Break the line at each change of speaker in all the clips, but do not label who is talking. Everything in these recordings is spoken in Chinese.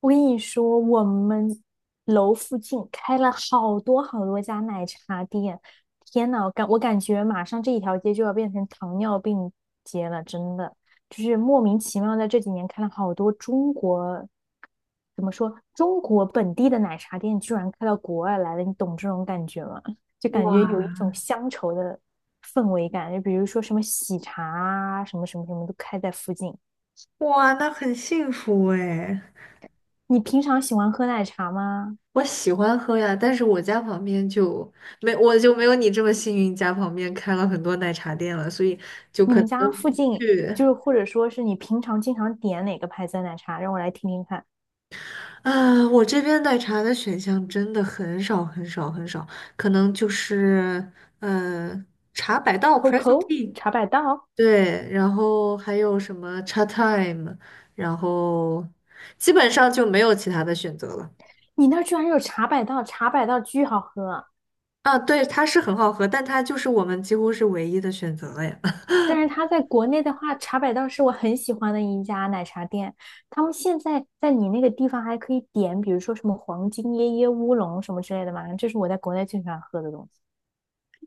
我跟你说，我们楼附近开了好多好多家奶茶店，天呐，我感觉马上这一条街就要变成糖尿病街了，真的，就是莫名其妙在这几年开了好多中国，怎么说，中国本地的奶茶店居然开到国外来了，你懂这种感觉吗？就感觉有一种
哇
乡愁的氛围感，就比如说什么喜茶啊，什么什么什么都开在附近。
哇，那很幸福哎！
你平常喜欢喝奶茶吗？
我喜欢喝呀，但是我家旁边就没，我就没有你这么幸运，家旁边开了很多奶茶店了，所以就
你
可
们
能
家附近
去
就是或者说是你平常经常点哪个牌子的奶茶？让我来听听看。
啊，我这边奶茶的选项真的很少很少很少，可能就是嗯，茶百道 （Presso
COCO
Tea）
茶百道，
对，然后还有什么茶 Time，然后基本上就没有其他的选择了。
你那儿居然有茶百道，茶百道巨好喝。
啊，对，它是很好喝，但它就是我们几乎是唯一的选择了呀。
但是它在国内的话，茶百道是我很喜欢的一家奶茶店。他们现在在你那个地方还可以点，比如说什么黄金椰椰乌龙什么之类的嘛，这是我在国内最喜欢喝的东西。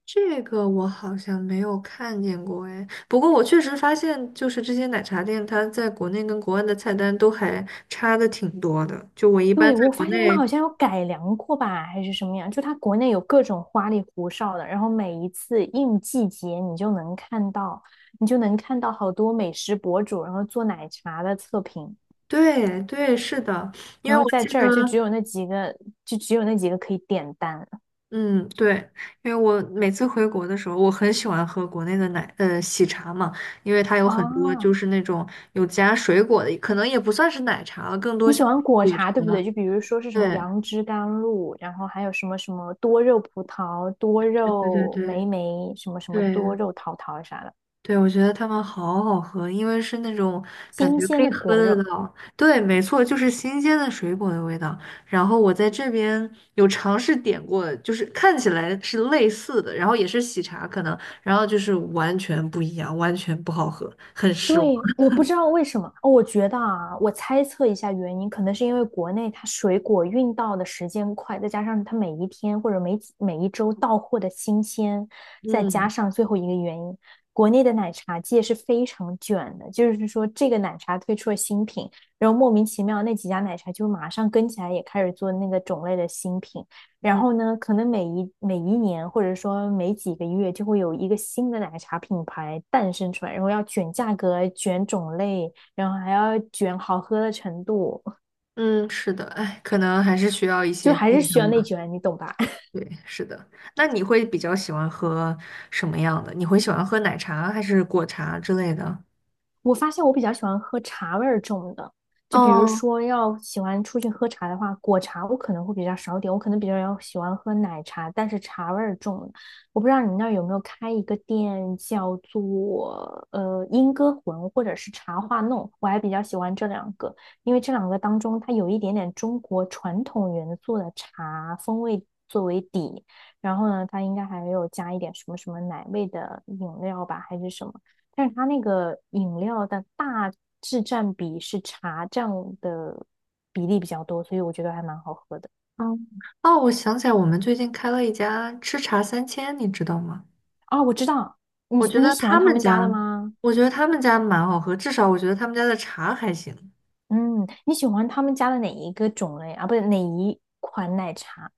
这个我好像没有看见过哎，不过我确实发现，就是这些奶茶店，它在国内跟国外的菜单都还差的挺多的。就我一般
对，
在
我
国
发现他们
内，
好像有改良过吧，还是什么样？就它国内有各种花里胡哨的，然后每一次应季节，你就能看到，你就能看到好多美食博主，然后做奶茶的测评，
对对，是的，因
然
为
后
我
在
记
这
得，
儿就只有那几个，就只有那几个可以点单
嗯，对，因为我每次回国的时候，我很喜欢喝国内的喜茶嘛，因为它有
啊。
很多就是那种有加水果的，可能也不算是奶茶了，更多
你喜
像
欢果
果
茶对不对？
茶。
就比如说是什么
对，
杨枝甘露，然后还有什么什么多肉葡萄、多
对对
肉
对
莓莓，什么什么多
对
肉桃桃啥的，
对，我觉得它们好好喝，因为是那种感
新
觉可
鲜
以
的
喝
果
得
肉。
到。对，没错，就是新鲜的水果的味道。然后我在这边有尝试点过，就是看起来是类似的，然后也是喜茶可能，然后就是完全不一样，完全不好喝，很失望。
对，我不知道为什么，哦，我觉得啊，我猜测一下原因，可能是因为国内它水果运到的时间快，再加上它每一天或者每几每一周到货的新鲜，再加
嗯
上最后一个原因，国内的奶茶界是非常卷的，就是说这个奶茶推出了新品，然后莫名其妙那几家奶茶就马上跟起来，也开始做那个种类的新品，然
嗯
后呢，可能每一年，或者说每几个月，就会有一个新的奶茶品牌诞生出来，然后要卷价格、卷种类，然后还要卷好喝的程度，
嗯，是的，哎，可能还是需要一
就
些
还是
竞
需要
争
内
吧。
卷，你懂吧？
对，是的。那你会比较喜欢喝什么样的？你会喜欢喝奶茶还是果茶之类的？
我发现我比较喜欢喝茶味儿重的，就比如
哦，
说要喜欢出去喝茶的话，果茶我可能会比较少点，我可能比较要喜欢喝奶茶，但是茶味儿重的，我不知道你那儿有没有开一个店叫做莺歌魂或者是茶话弄，我还比较喜欢这两个，因为这两个当中它有一点点中国传统元素的茶风味作为底，然后呢，它应该还有加一点什么什么奶味的饮料吧，还是什么。但是它那个饮料的大致占比是茶这样的比例比较多，所以我觉得还蛮好喝的。
哦哦，我想起来，我们最近开了一家吃茶三千，你知道吗？
啊，我知道，你
我觉
你
得
喜欢
他
他
们
们家
家，
的吗？
我觉得他们家蛮好喝，至少我觉得他们家的茶还行。
嗯，你喜欢他们家的哪一个种类啊？不是哪一款奶茶？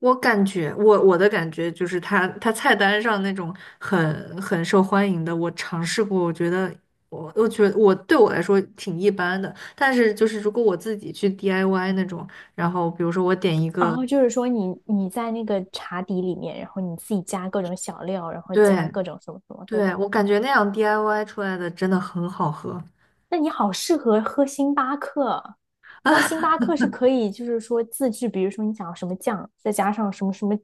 我感觉，我的感觉就是他菜单上那种很受欢迎的，我尝试过，我觉得对我来说挺一般的。但是就是如果我自己去 DIY 那种，然后比如说我点一
然
个，
后就是说你在那个茶底里面，然后你自己加各种小料，然后加
对
各种什么什么，对
对，
吧？
我感觉那样 DIY 出来的真的很好喝。
那你好适合喝星巴克，然后星 巴克是可以就是说自制，比如说你想要什么酱，再加上什么什么，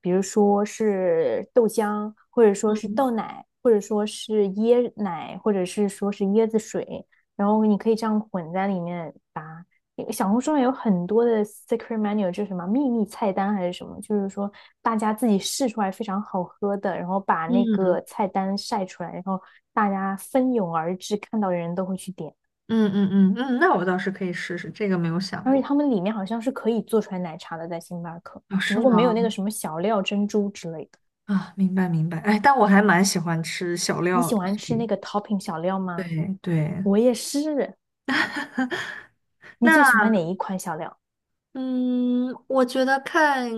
比如说是豆浆，或者说是
嗯
豆奶，或者说是椰奶，或者是说是椰子水，然后你可以这样混在里面。小红书上有很多的 secret menu，就是什么秘密菜单还是什么，就是说大家自己试出来非常好喝的，然后把那
嗯
个菜单晒出来，然后大家蜂拥而至，看到的人都会去点。
嗯嗯嗯嗯，那我倒是可以试试，这个没有想
而且
过。
他们里面好像是可以做出来奶茶的，在星巴克，
哦，
只
是
不过没有那个
吗？
什么小料珍珠之类的。
啊，明白明白。哎，但我还蛮喜欢吃小
你
料
喜
的，所
欢吃
以
那个 topping 小料吗？
对对。
我也是。你
那
最喜欢哪一款小料？
嗯，我觉得看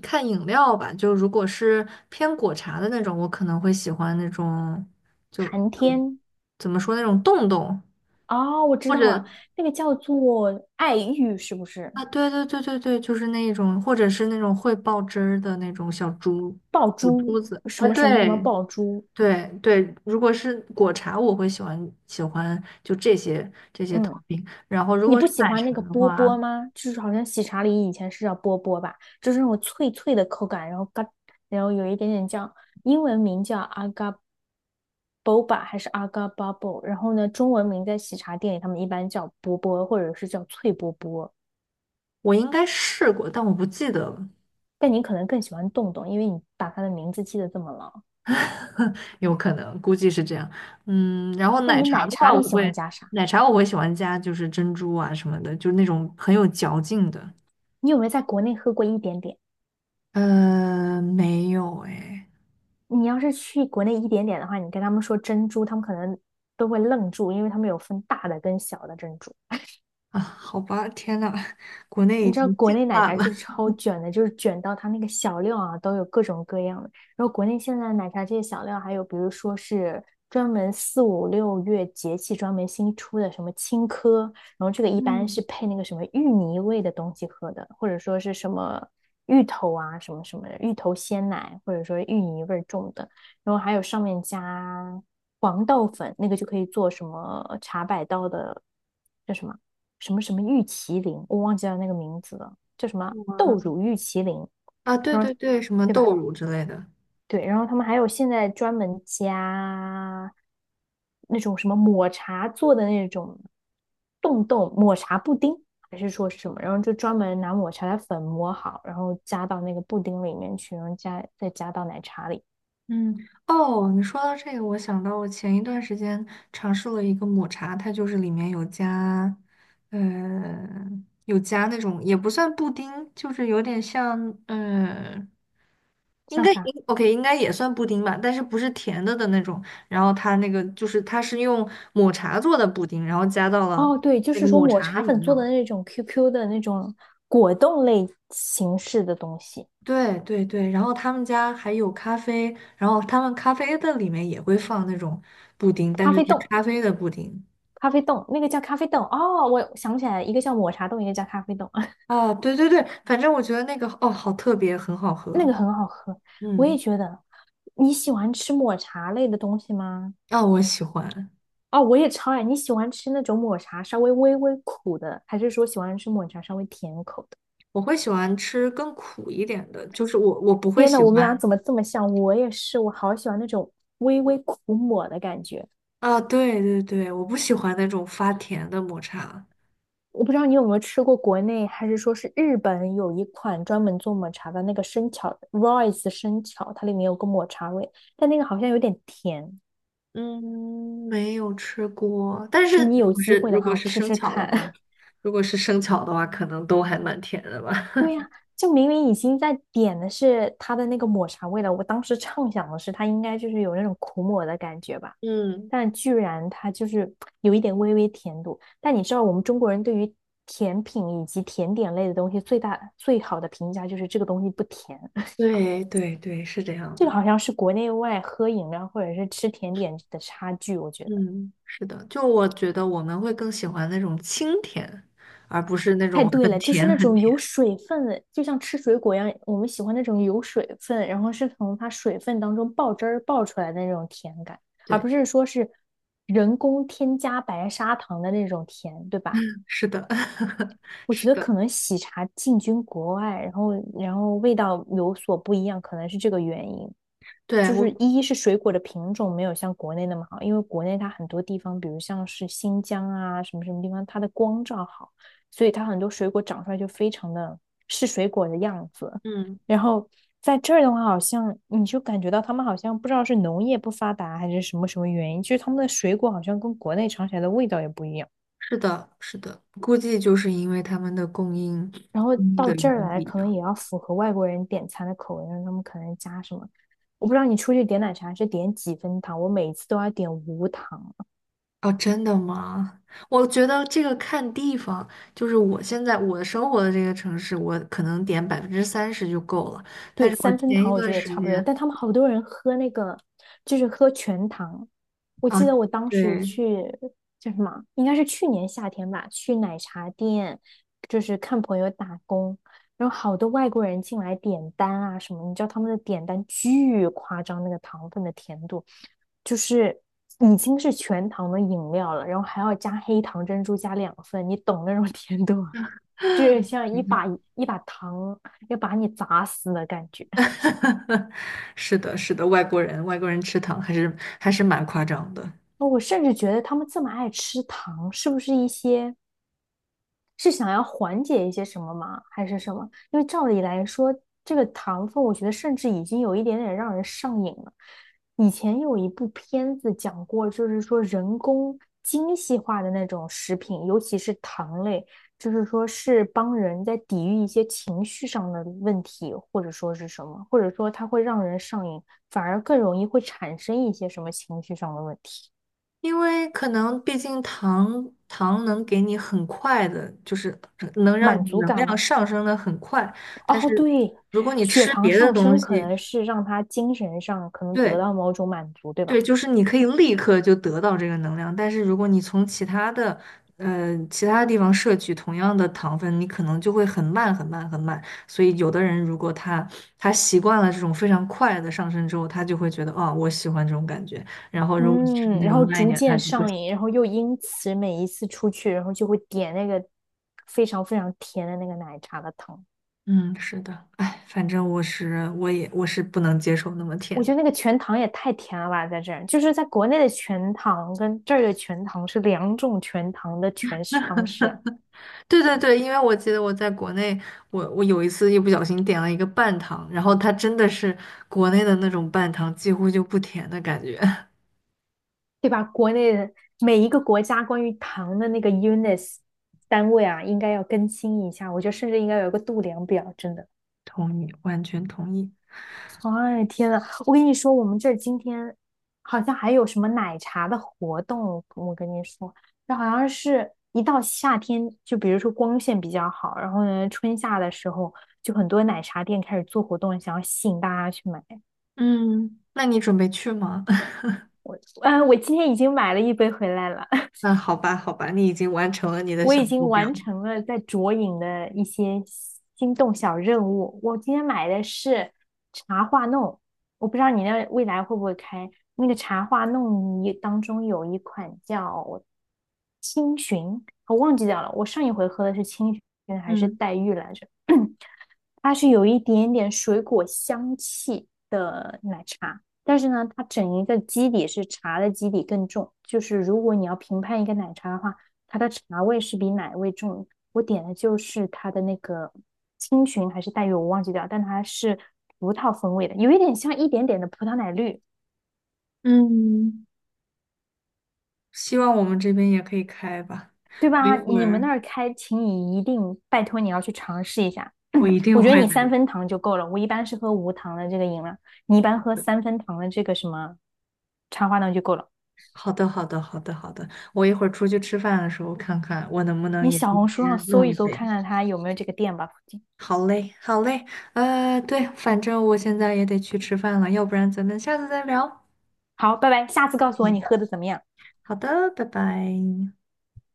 看饮料吧，就如果是偏果茶的那种，我可能会喜欢那种，就
寒天。
怎么说那种冻冻，
哦，我知
或
道了，
者
那个叫做爱玉，是不是？
啊，对对对对对，就是那一种，或者是那种会爆汁儿的那种
爆
小
珠，
珠子
什
啊，
么什么什么
对
爆珠？
对对，如果是果茶，我会喜欢就这些
嗯，
topping。然后如
你
果
不
是
喜
奶
欢
茶
那个
的
波
话，
波吗？就是好像喜茶里以前是叫波波吧，就是那种脆脆的口感，然后嘎，然后有一点点酱，英文名叫阿嘎 a boba 还是阿嘎 a bubble，然后呢，中文名在喜茶店里他们一般叫波波或者是叫脆波波，
我应该试过，但我不记得了，
但你可能更喜欢洞洞，因为你把它的名字记得这么牢。
有可能估计是这样。嗯，然后
那
奶
你
茶
奶
的
茶
话，
里喜欢加啥？
奶茶我会喜欢加就是珍珠啊什么的，就是那种很有嚼劲的。
你有没有在国内喝过一点点？
没有哎
你要是去国内一点点的话，你跟他们说珍珠，他们可能都会愣住，因为他们有分大的跟小的珍珠。
啊，好吧，天呐，国内
你
已
知道
经
国
进
内奶
化
茶
了。
就是超卷的，就是卷到它那个小料啊都有各种各样的。然后国内现在奶茶这些小料，还有比如说是专门四五六月节气专门新出的什么青稞，然后这个一般是
嗯
配那个什么芋泥味的东西喝的，或者说是什么芋头啊什么什么的芋头鲜奶，或者说芋泥味儿重的。然后还有上面加黄豆粉，那个就可以做什么茶百道的，叫什么？什么什么玉麒麟，我忘记了那个名字了，叫什么豆乳玉麒麟，
啊，对
然
对
后
对，什么
对吧？
豆乳之类的。
对，然后他们还有现在专门加那种什么抹茶做的那种冻冻抹茶布丁，还是说是什么？然后就专门拿抹茶的粉磨好，然后加到那个布丁里面去，然后加到奶茶里，
嗯，哦，你说到这个，我想到我前一段时间尝试了一个抹茶，它就是里面呃，有加那种也不算布丁，就是有点像，呃，应
像
该
啥？
应 OK，应该也算布丁吧，但是不是甜的那种。然后它那个就是它是用抹茶做的布丁，然后加到了
哦，对，就
那个
是说
抹
抹
茶的
茶粉
饮
做
料
的
里。
那种 QQ 的那种果冻类形式的东西，
对对对，然后他们家还有咖啡，然后他们咖啡的里面也会放那种布丁，但
咖
是
啡
是
冻。
咖啡的布丁。
咖啡冻，那个叫咖啡冻哦，我想起来，一个叫抹茶冻，一个叫咖啡冻，
啊，对对对，反正我觉得那个哦，好特别，很好
那
喝。
个很好喝。我也
嗯，
觉得，你喜欢吃抹茶类的东西吗？
啊，我喜欢，
哦，我也超爱。你喜欢吃那种抹茶稍微微微苦的，还是说喜欢吃抹茶稍微甜口的？
我会喜欢吃更苦一点的，就是我不会
天呐，
喜
我们俩
欢
怎么这么像？我也是，我好喜欢那种微微苦抹的感觉。
啊，对对对，我不喜欢那种发甜的抹茶。
我不知道你有没有吃过国内，还是说是日本有一款专门做抹茶的那个生巧 Royce 生巧，它里面有个抹茶味，但那个好像有点甜。
嗯，没有吃过，但是
那你
如
有
果
机
是
会
如
的
果
话
是
吃
生
吃
巧的
看。
话，可能都还蛮甜的吧。
对 呀、就明明已经在点的是它的那个抹茶味了，我当时畅想的是它应该就是有那种苦抹的感觉吧，
嗯，
但居然它就是有一点微微甜度。但你知道我们中国人对于甜品以及甜点类的东西最大最好的评价就是这个东西不甜，
对对对，是这 样
这个
的。
好像是国内外喝饮料或者是吃甜点的差距，我觉得。
嗯，是的，就我觉得我们会更喜欢那种清甜，而不是那
太
种
对
很
了，就是
甜
那
很
种
甜。
有水分的，就像吃水果一样，我们喜欢那种有水分，然后是从它水分当中爆汁儿爆出来的那种甜感，而不
对，
是说是人工添加白砂糖的那种甜，对吧？
是的，
我觉
是
得
的，
可能喜茶进军国外，然后味道有所不一样，可能是这个原因。
对，
就
我，
是一是水果的品种没有像国内那么好，因为国内它很多地方，比如像是新疆啊什么什么地方，它的光照好，所以它很多水果长出来就非常的是水果的样子。
嗯，
然后在这儿的话，好像你就感觉到他们好像不知道是农业不发达还是什么什么原因，就是他们的水果好像跟国内尝起来的味道也不一样。
是的，是的，估计就是因为他们的供应
然后
供应
到
的源
这儿
不
来，
一
可能
样。
也要符合外国人点餐的口味，让他们可能加什么？我不知道你出去点奶茶是点几分糖，我每次都要点无糖。
哦，真的吗？我觉得这个看地方，就是我现在我生活的这个城市，我可能点30%就够了。但
对，
是我
三分
前一
糖我
段
觉得也
时
差不多，
间
但他们好多人喝那个，就是喝全糖。我
啊，
记得我当时
对。
去叫什么，应该是去年夏天吧，去奶茶店，就是看朋友打工，然后好多外国人进来点单啊什么，你知道他们的点单巨夸张，那个糖分的甜度，就是已经是全糖的饮料了，然后还要加黑糖珍珠加两份，你懂那种 甜度吗？就是像一把糖要把你砸死的感觉。
是的，是的，外国人吃糖还是蛮夸张的，
哦我甚至觉得他们这么爱吃糖，是不是一些是想要缓解一些什么吗？还是什么？因为照理来说，这个糖分，我觉得甚至已经有一点点让人上瘾了。以前有一部片子讲过，就是说人工精细化的那种食品，尤其是糖类，就是说是帮人在抵御一些情绪上的问题，或者说是什么，或者说它会让人上瘾，反而更容易会产生一些什么情绪上的问题，
因为可能毕竟糖能给你很快的，就是能让
满
你
足
能
感
量
吗？
上升的很快，但
哦，
是
对，
如果你
血
吃
糖
别的
上
东
升可
西，
能是让他精神上可能得
对，
到某种满足，对吧？
对，就是你可以立刻就得到这个能量，但是如果你从其他地方摄取同样的糖分，你可能就会很慢、很慢、很慢。所以，有的人如果他习惯了这种非常快的上升之后，他就会觉得啊、我喜欢这种感觉。然后，如果是
嗯，
那
然
种
后
慢一
逐
点，他
渐
就不
上
行。
瘾，然后又因此每一次出去，然后就会点那个非常非常甜的那个奶茶的糖。
嗯，是的，哎，反正我是不能接受那么
我
甜
觉
的。
得那个全糖也太甜了吧，在这儿，就是在国内的全糖跟这儿的全糖是两种全糖的诠释方式，
对对对，因为我记得我在国内，我有一次一不小心点了一个半糖，然后它真的是国内的那种半糖，几乎就不甜的感觉。
对吧？国内的每一个国家关于糖的那个 units 单位啊，应该要更新一下，我觉得甚至应该有一个度量表，真的。
同意，完全同意。
哎，天呐，我跟你说，我们这儿今天好像还有什么奶茶的活动，我跟你说，这好像是一到夏天，就比如说光线比较好，然后呢，春夏的时候，就很多奶茶店开始做活动，想要吸引大家去买。
嗯，那你准备去吗？
嗯，我今天已经买了一杯回来了。
那好吧，好吧，你已经完成了你的
我
小
已经
目标。
完成了在卓影的一些心动小任务。我今天买的是茶话弄，我不知道你那未来会不会开那个茶话弄一当中有一款叫青寻，我忘记掉了。我上一回喝的是青寻还是
嗯
黛玉来着？它是有一点点水果香气，但是呢，它整一个基底是茶的基底更重，就是如果你要评判一个奶茶的话，它的茶味是比奶味重。我点的就是它的那个青寻还是黛玉，我忘记掉，但它是葡萄风味的，有一点像一点点的葡萄奶绿，
嗯，希望我们这边也可以开吧。
对
我一
吧？
会
你们那
儿
儿开，请你一定拜托你要去尝试一下。
我一 定
我觉得
会
你
的。
三分糖就够了，我一般是喝无糖的这个饮料，你一般喝三分糖的这个什么茶花糖就够了。
好的，好的，好的，好的。我一会儿出去吃饭的时候看看，我能不能
你
也
小
今
红书上
天
搜
弄
一
一
搜，看
杯。
看它有没有这个店吧，附近。
好嘞，好嘞，对，反正我现在也得去吃饭了，要不然咱们下次再聊。
好，拜拜，下次告诉我
嗯，
你喝的怎么样。
好的，拜拜。